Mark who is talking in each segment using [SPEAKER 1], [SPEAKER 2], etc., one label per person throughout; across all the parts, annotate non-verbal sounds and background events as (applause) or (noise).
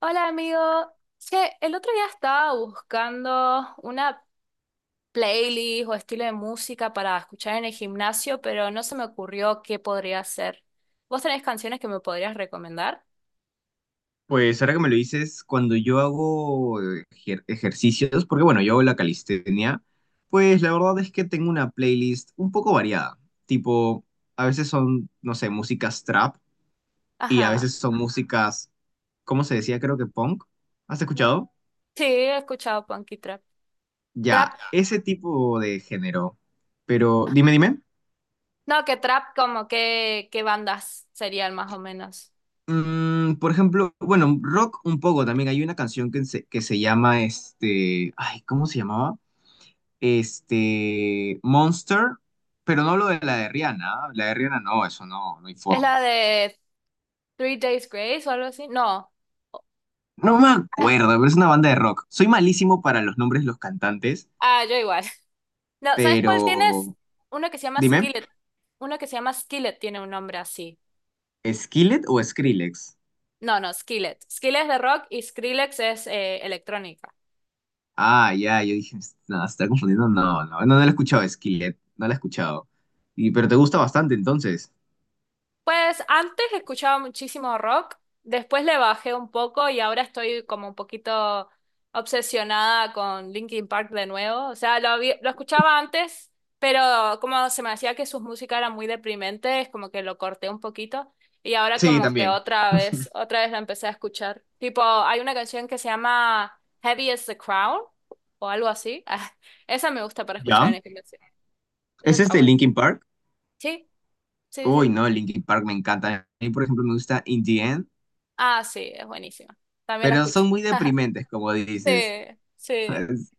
[SPEAKER 1] Hola amigo, che, el otro día estaba buscando una playlist o estilo de música para escuchar en el gimnasio, pero no se me ocurrió qué podría hacer. ¿Vos tenés canciones que me podrías recomendar?
[SPEAKER 2] Pues ahora que me lo dices, cuando yo hago ejercicios, porque bueno, yo hago la calistenia, pues la verdad es que tengo una playlist un poco variada. Tipo, a veces son, no sé, músicas trap y a
[SPEAKER 1] Ajá,
[SPEAKER 2] veces son músicas, ¿cómo se decía? Creo que punk. ¿Has escuchado?
[SPEAKER 1] sí, he escuchado punk y trap. Trap,
[SPEAKER 2] Ya, ese tipo de género. Pero dime.
[SPEAKER 1] no, que trap como que, qué bandas serían más o menos.
[SPEAKER 2] Por ejemplo, bueno, rock un poco también. Hay una canción que se llama este. Ay, ¿cómo se llamaba? Este, Monster, pero no lo de la de Rihanna. ¿Ah? La de Rihanna no, eso no, no hay
[SPEAKER 1] ¿Es
[SPEAKER 2] forma.
[SPEAKER 1] la de Three Days Grace o algo así? No.
[SPEAKER 2] No me
[SPEAKER 1] Ah,
[SPEAKER 2] acuerdo, pero es una banda de rock. Soy malísimo para los nombres de los cantantes,
[SPEAKER 1] ah, yo igual. (laughs) No, ¿sabes cuál tienes?
[SPEAKER 2] pero
[SPEAKER 1] Uno que se llama
[SPEAKER 2] dime,
[SPEAKER 1] Skillet. Uno que se llama Skillet tiene un nombre así.
[SPEAKER 2] ¿Skillet o Skrillex?
[SPEAKER 1] No, no, Skillet. Skillet es de rock y Skrillex es electrónica.
[SPEAKER 2] Ah, ya, yo dije, no, se está confundiendo. No, no la he escuchado, Skillet, no la he escuchado. Y, pero te gusta bastante entonces.
[SPEAKER 1] Pues antes escuchaba muchísimo rock, después le bajé un poco y ahora estoy como un poquito obsesionada con Linkin Park de nuevo. O sea, lo, lo escuchaba antes, pero como se me hacía que sus músicas eran muy deprimentes, como que lo corté un poquito y ahora
[SPEAKER 2] Sí,
[SPEAKER 1] como que
[SPEAKER 2] también.
[SPEAKER 1] otra vez la empecé a escuchar. Tipo, hay una canción que se llama Heavy as the Crown o algo así. (laughs) Esa me gusta para escuchar
[SPEAKER 2] ¿Ya?
[SPEAKER 1] en el gimnasio. Esa
[SPEAKER 2] ¿Es
[SPEAKER 1] está
[SPEAKER 2] este
[SPEAKER 1] buena.
[SPEAKER 2] Linkin Park?
[SPEAKER 1] Sí, sí,
[SPEAKER 2] Uy,
[SPEAKER 1] sí.
[SPEAKER 2] no, Linkin Park me encanta. A mí, por ejemplo, me gusta In The End,
[SPEAKER 1] Ah, sí, es buenísima. También la
[SPEAKER 2] pero
[SPEAKER 1] escucho.
[SPEAKER 2] son muy
[SPEAKER 1] (laughs)
[SPEAKER 2] deprimentes, como
[SPEAKER 1] Sí,
[SPEAKER 2] dices.
[SPEAKER 1] sí.
[SPEAKER 2] (laughs)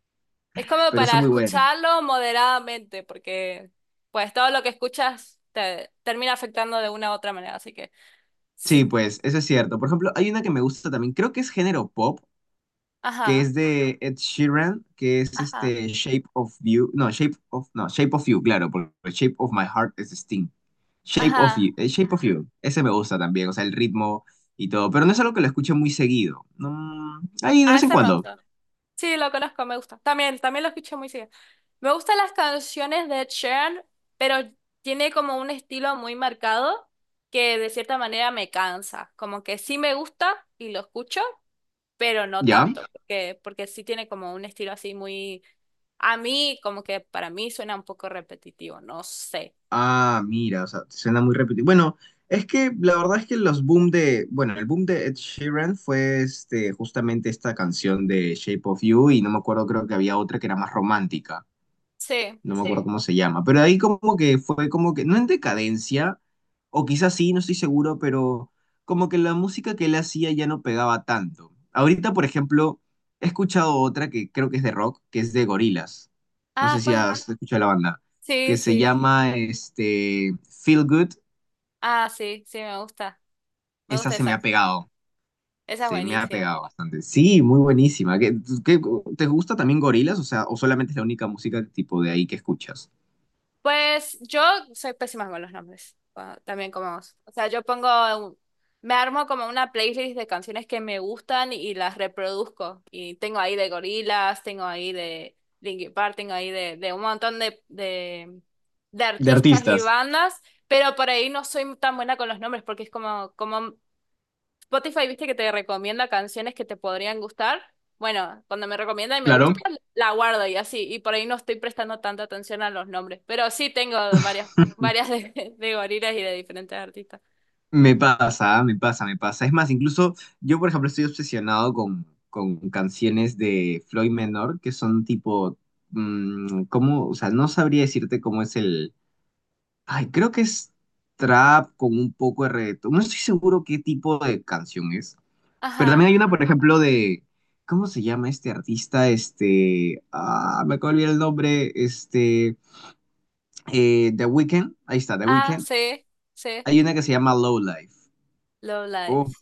[SPEAKER 1] Es como
[SPEAKER 2] Pero
[SPEAKER 1] para
[SPEAKER 2] son muy buenas.
[SPEAKER 1] escucharlo moderadamente, porque pues todo lo que escuchas te termina afectando de una u otra manera, así que sí.
[SPEAKER 2] Sí, pues eso es cierto. Por ejemplo, hay una que me gusta también, creo que es género pop, que
[SPEAKER 1] Ajá,
[SPEAKER 2] es de Ed Sheeran, que es
[SPEAKER 1] ajá,
[SPEAKER 2] este Shape of You, no, Shape of, no, Shape of You, claro, porque Shape of My Heart es de Sting.
[SPEAKER 1] ajá.
[SPEAKER 2] Shape of You, ese me gusta también, o sea, el ritmo y todo, pero no es algo que lo escuche muy seguido. No, ahí de
[SPEAKER 1] A
[SPEAKER 2] vez en
[SPEAKER 1] ese me
[SPEAKER 2] cuando,
[SPEAKER 1] gusta. Sí, lo conozco, me gusta. También, también lo escucho muy seguido. Me gustan las canciones de Ed Sheeran, pero tiene como un estilo muy marcado que de cierta manera me cansa. Como que sí me gusta y lo escucho, pero no
[SPEAKER 2] ¿ya?
[SPEAKER 1] tanto, porque sí tiene como un estilo así muy, a mí como que para mí suena un poco repetitivo, no sé.
[SPEAKER 2] Ah, mira, o sea, suena muy repetido. Bueno, es que la verdad es que los boom de, bueno, el boom de Ed Sheeran fue este, justamente esta canción de Shape of You y no me acuerdo, creo que había otra que era más romántica,
[SPEAKER 1] Sí.
[SPEAKER 2] no me acuerdo. Sí, cómo se llama, pero ahí como que fue como que, no en decadencia, o quizás sí, no estoy seguro, pero como que la música que él hacía ya no pegaba tanto. Ahorita, por ejemplo, he escuchado otra que creo que es de rock, que es de Gorillaz. No
[SPEAKER 1] Ah,
[SPEAKER 2] sé si...
[SPEAKER 1] ¿cuál?
[SPEAKER 2] Ah, ¿has escuchado la banda,
[SPEAKER 1] Sí,
[SPEAKER 2] que se
[SPEAKER 1] sí.
[SPEAKER 2] llama este Feel Good?
[SPEAKER 1] Ah, sí, sí, me gusta. Me
[SPEAKER 2] Esa
[SPEAKER 1] gusta
[SPEAKER 2] se me
[SPEAKER 1] esa.
[SPEAKER 2] ha pegado.
[SPEAKER 1] Esa es
[SPEAKER 2] Se me ha
[SPEAKER 1] buenísima.
[SPEAKER 2] pegado bastante. Sí, muy buenísima. ¿Qué, qué- te gusta también Gorillaz? O sea, ¿o solamente es la única música tipo de ahí que escuchas?
[SPEAKER 1] Pues yo soy pésima con los nombres, ah, también como vos. O sea, yo pongo, un- me armo como una playlist de canciones que me gustan y las reproduzco. Y tengo ahí de Gorillaz, tengo ahí de Linkin Park, tengo ahí de un montón de
[SPEAKER 2] De
[SPEAKER 1] artistas y
[SPEAKER 2] artistas,
[SPEAKER 1] bandas, pero por ahí no soy tan buena con los nombres porque es como, como Spotify, viste que te recomienda canciones que te podrían gustar. Bueno, cuando me recomienda y me
[SPEAKER 2] claro.
[SPEAKER 1] gusta, la guardo y así. Y por ahí no estoy prestando tanta atención a los nombres. Pero sí tengo varias, varias de, (laughs) de gorilas y de diferentes artistas.
[SPEAKER 2] Me pasa. Es más, incluso yo, por ejemplo, estoy obsesionado con canciones de Floyd Menor, que son tipo, ¿cómo? O sea, no sabría decirte cómo es el... Ay, creo que es trap con un poco de reggaetón. No estoy seguro qué tipo de canción es. Pero
[SPEAKER 1] Ajá.
[SPEAKER 2] también hay una, por ejemplo, de... ¿Cómo se llama este artista? Este... Ah, me acabo de olvidar el nombre. Este... The Weeknd. Ahí está, The
[SPEAKER 1] Ah,
[SPEAKER 2] Weeknd.
[SPEAKER 1] sí, sí.
[SPEAKER 2] Hay una que se llama Low Life.
[SPEAKER 1] Low Life.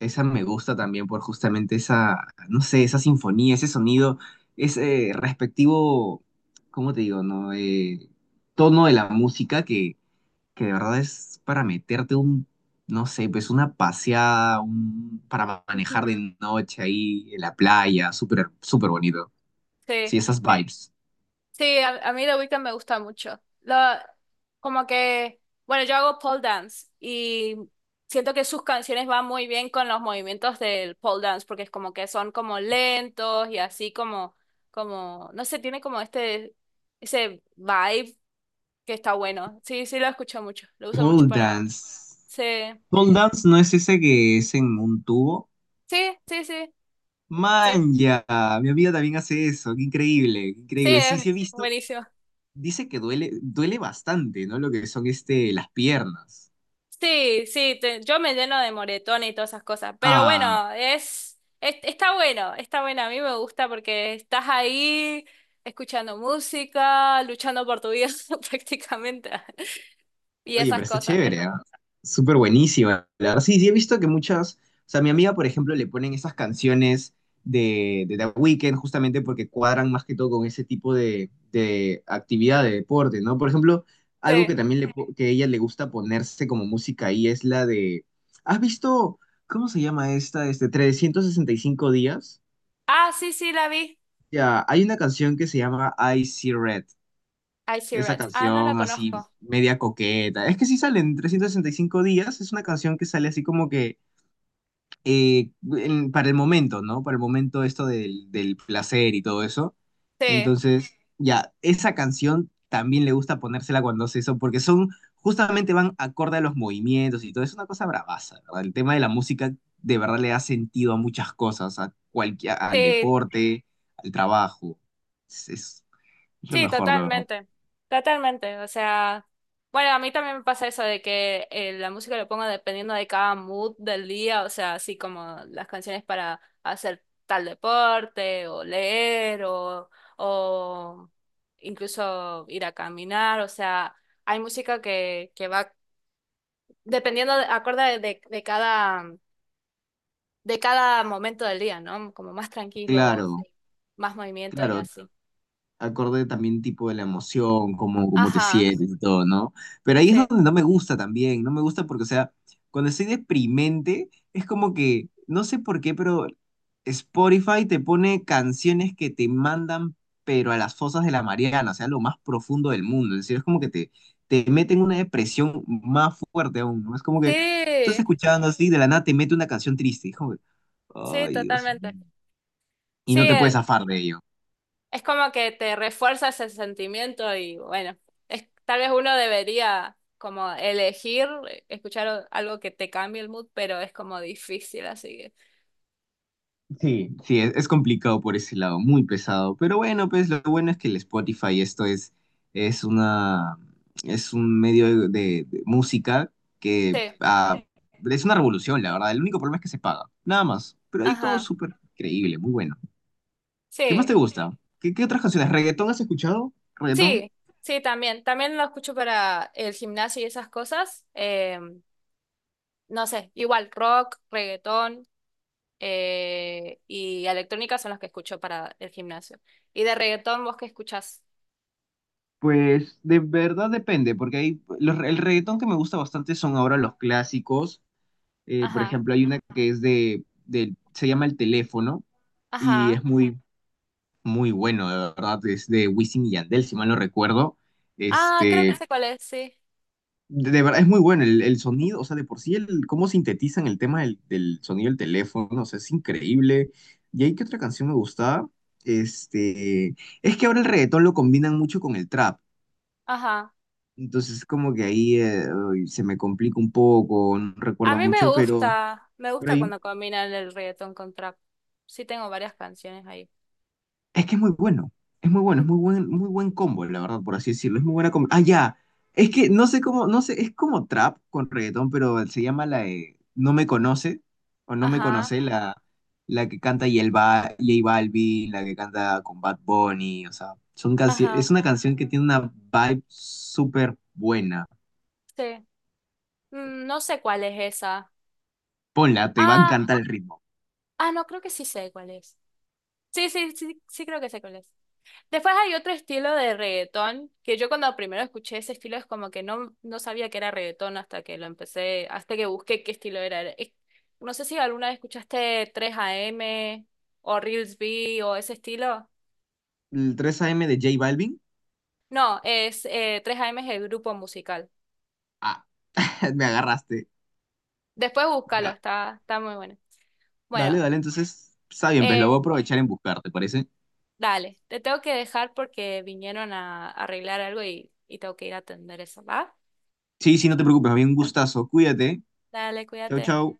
[SPEAKER 2] Esa me gusta también por justamente esa, no sé, esa sinfonía, ese sonido, ese respectivo, ¿cómo te digo, no? Tono de la música que de verdad es para meterte un, no sé, pues una paseada, un, para manejar
[SPEAKER 1] Ujú.
[SPEAKER 2] de noche ahí en la playa, súper bonito.
[SPEAKER 1] Sí.
[SPEAKER 2] Sí, esas vibes.
[SPEAKER 1] Sí, a mí The Weeknd me gusta mucho. Como que, bueno, yo hago pole dance y siento que sus canciones van muy bien con los movimientos del pole dance porque es como que son como lentos y así como, como, no sé, tiene como este, ese vibe que está bueno. Sí, sí lo escucho mucho, lo uso
[SPEAKER 2] Pole
[SPEAKER 1] mucho para...
[SPEAKER 2] dance.
[SPEAKER 1] Sí,
[SPEAKER 2] Pole dance no es ese que es en un tubo.
[SPEAKER 1] sí, sí, sí, sí,
[SPEAKER 2] Man, ya, mi amiga también hace eso, qué
[SPEAKER 1] sí,
[SPEAKER 2] increíble. Sí, sí he
[SPEAKER 1] es
[SPEAKER 2] visto,
[SPEAKER 1] buenísimo.
[SPEAKER 2] dice que duele, duele bastante, ¿no? Lo que son este, las piernas.
[SPEAKER 1] Sí, sí, yo me lleno de moretones y todas esas cosas, pero
[SPEAKER 2] Ah,
[SPEAKER 1] bueno, es, está bueno, a mí me gusta porque estás ahí escuchando música, luchando por tu vida (laughs) prácticamente y
[SPEAKER 2] oye,
[SPEAKER 1] esas
[SPEAKER 2] pero está
[SPEAKER 1] cosas.
[SPEAKER 2] chévere, ¿ah? Súper buenísima, la verdad. Sí, sí, he visto que muchas, o sea, mi amiga, por ejemplo, le ponen esas canciones de The Weeknd justamente porque cuadran más que todo con ese tipo de actividad, de deporte, ¿no? Por ejemplo, algo
[SPEAKER 1] Sí.
[SPEAKER 2] que también que a ella le gusta ponerse como música ahí es la de, ¿has visto, cómo se llama esta, este, 365 días?
[SPEAKER 1] Ah, sí, sí, la vi.
[SPEAKER 2] Ya, hay una canción que se llama I See Red,
[SPEAKER 1] I See
[SPEAKER 2] esa
[SPEAKER 1] Red. Ah, no la
[SPEAKER 2] canción así
[SPEAKER 1] conozco.
[SPEAKER 2] media coqueta. Es que si sale en 365 días, es una canción que sale así como que eh, para el momento, ¿no? Para el momento esto del placer y todo eso.
[SPEAKER 1] Sí,
[SPEAKER 2] Entonces, ya, esa canción también le gusta ponérsela cuando hace eso, porque son, justamente van acorde a los movimientos y todo. Es una cosa bravaza, ¿verdad? El tema de la música de verdad le da sentido a muchas cosas, a cualquier, al
[SPEAKER 1] sí,
[SPEAKER 2] deporte, al trabajo. Es, es- es lo
[SPEAKER 1] sí,
[SPEAKER 2] mejor, de verdad.
[SPEAKER 1] totalmente, totalmente. O sea, bueno, a mí también me pasa eso de que la música lo pongo dependiendo de cada mood del día, o sea, así como las canciones para hacer tal deporte o leer o incluso ir a caminar, o sea, hay música que va dependiendo, de, acorde de cada, de cada momento del día, ¿no? Como más tranquilo,
[SPEAKER 2] Claro.
[SPEAKER 1] más movimiento y
[SPEAKER 2] Claro,
[SPEAKER 1] así.
[SPEAKER 2] acorde también tipo de la emoción, cómo, cómo te
[SPEAKER 1] Ajá,
[SPEAKER 2] sientes y todo, ¿no? Pero ahí es
[SPEAKER 1] sí.
[SPEAKER 2] donde no me gusta también, no me gusta porque, o sea, cuando estoy deprimente, es como que, no sé por qué, pero Spotify te pone canciones que te mandan, pero a las fosas de la Mariana, o sea, lo más profundo del mundo, es decir, es como que te mete en una depresión más fuerte aún, ¿no? Es como que tú estás
[SPEAKER 1] Sí,
[SPEAKER 2] escuchando así, de la nada te mete una canción triste, hijo.
[SPEAKER 1] sí,
[SPEAKER 2] Ay, Dios mío.
[SPEAKER 1] totalmente.
[SPEAKER 2] Y
[SPEAKER 1] Sí,
[SPEAKER 2] no te puedes zafar de ello.
[SPEAKER 1] es como que te refuerza ese sentimiento y bueno, es, tal vez uno debería como elegir escuchar algo que te cambie el mood, pero es como difícil, así que
[SPEAKER 2] Sí, es complicado por ese lado, muy pesado. Pero bueno, pues lo bueno es que el Spotify, esto es una, es un medio de música que
[SPEAKER 1] sí,
[SPEAKER 2] ah, es una revolución, la verdad. El único problema es que se paga, nada más. Pero ahí todo es
[SPEAKER 1] ajá,
[SPEAKER 2] súper increíble, muy bueno. ¿Qué más te
[SPEAKER 1] sí,
[SPEAKER 2] gusta? ¿Qué, qué otras canciones? ¿Reggaetón has escuchado? ¿Reggaetón?
[SPEAKER 1] sí, sí, también, también lo escucho para el gimnasio y esas cosas, no sé, igual rock, reggaetón y electrónica son los que escucho para el gimnasio. Y de reggaetón, ¿vos qué escuchás?
[SPEAKER 2] Pues de verdad depende, porque el reggaetón que me gusta bastante son ahora los clásicos. Por
[SPEAKER 1] Ajá,
[SPEAKER 2] ejemplo, hay una que se llama El Teléfono y
[SPEAKER 1] ajá.
[SPEAKER 2] es muy, muy bueno, de verdad, es de Wisin y Yandel, si mal no recuerdo.
[SPEAKER 1] Ah, creo que
[SPEAKER 2] Este,
[SPEAKER 1] sé cuál es, sí.
[SPEAKER 2] de verdad es muy bueno el sonido, o sea, de por sí, el, cómo sintetizan el tema del sonido del teléfono, o sea, es increíble. Y ahí que otra canción me gustaba, este, es que ahora el reggaetón lo combinan mucho con el trap,
[SPEAKER 1] Ajá.
[SPEAKER 2] entonces como que ahí uy, se me complica un poco, no
[SPEAKER 1] A
[SPEAKER 2] recuerdo
[SPEAKER 1] mí
[SPEAKER 2] mucho,
[SPEAKER 1] me
[SPEAKER 2] pero
[SPEAKER 1] gusta
[SPEAKER 2] ahí.
[SPEAKER 1] cuando combinan el reggaetón con trap. Sí tengo varias canciones ahí.
[SPEAKER 2] Es que es muy bueno,
[SPEAKER 1] Ujú.
[SPEAKER 2] muy buen combo, la verdad, por así decirlo. Es muy buena combo. Ah, ya. Es que no sé cómo, no sé, es como trap con reggaetón, pero se llama la de No me conoce, o No me
[SPEAKER 1] Ajá,
[SPEAKER 2] conoce, la que canta J Balvin, la que canta con Bad Bunny, o sea,
[SPEAKER 1] ajá,
[SPEAKER 2] es una canción que tiene una vibe súper buena.
[SPEAKER 1] sí. Mm, no sé cuál es esa.
[SPEAKER 2] Ponla, te va a
[SPEAKER 1] Ah,
[SPEAKER 2] encantar el ritmo.
[SPEAKER 1] ah, no, creo que sí sé cuál es. Sí, sí, sí, sí creo que sé cuál es. Después hay otro estilo de reggaetón, que yo cuando primero escuché ese estilo es como que no, no sabía que era reggaetón hasta que lo empecé, hasta que busqué qué estilo era. Es- No sé si alguna vez escuchaste 3AM o Reels B o ese estilo.
[SPEAKER 2] El 3AM de J Balvin,
[SPEAKER 1] No, es 3AM es el grupo musical.
[SPEAKER 2] ah, (laughs) me agarraste.
[SPEAKER 1] Después búscalo, está, está muy bueno.
[SPEAKER 2] Dale,
[SPEAKER 1] Bueno,
[SPEAKER 2] dale, entonces, está bien, pues lo voy
[SPEAKER 1] eh,
[SPEAKER 2] a aprovechar en buscar, ¿te parece?
[SPEAKER 1] dale, te tengo que dejar porque vinieron a arreglar algo y tengo que ir a atender eso, ¿va?
[SPEAKER 2] Sí, sí, no te preocupes, había un gustazo. Cuídate.
[SPEAKER 1] Dale,
[SPEAKER 2] Chau,
[SPEAKER 1] cuídate.
[SPEAKER 2] chau.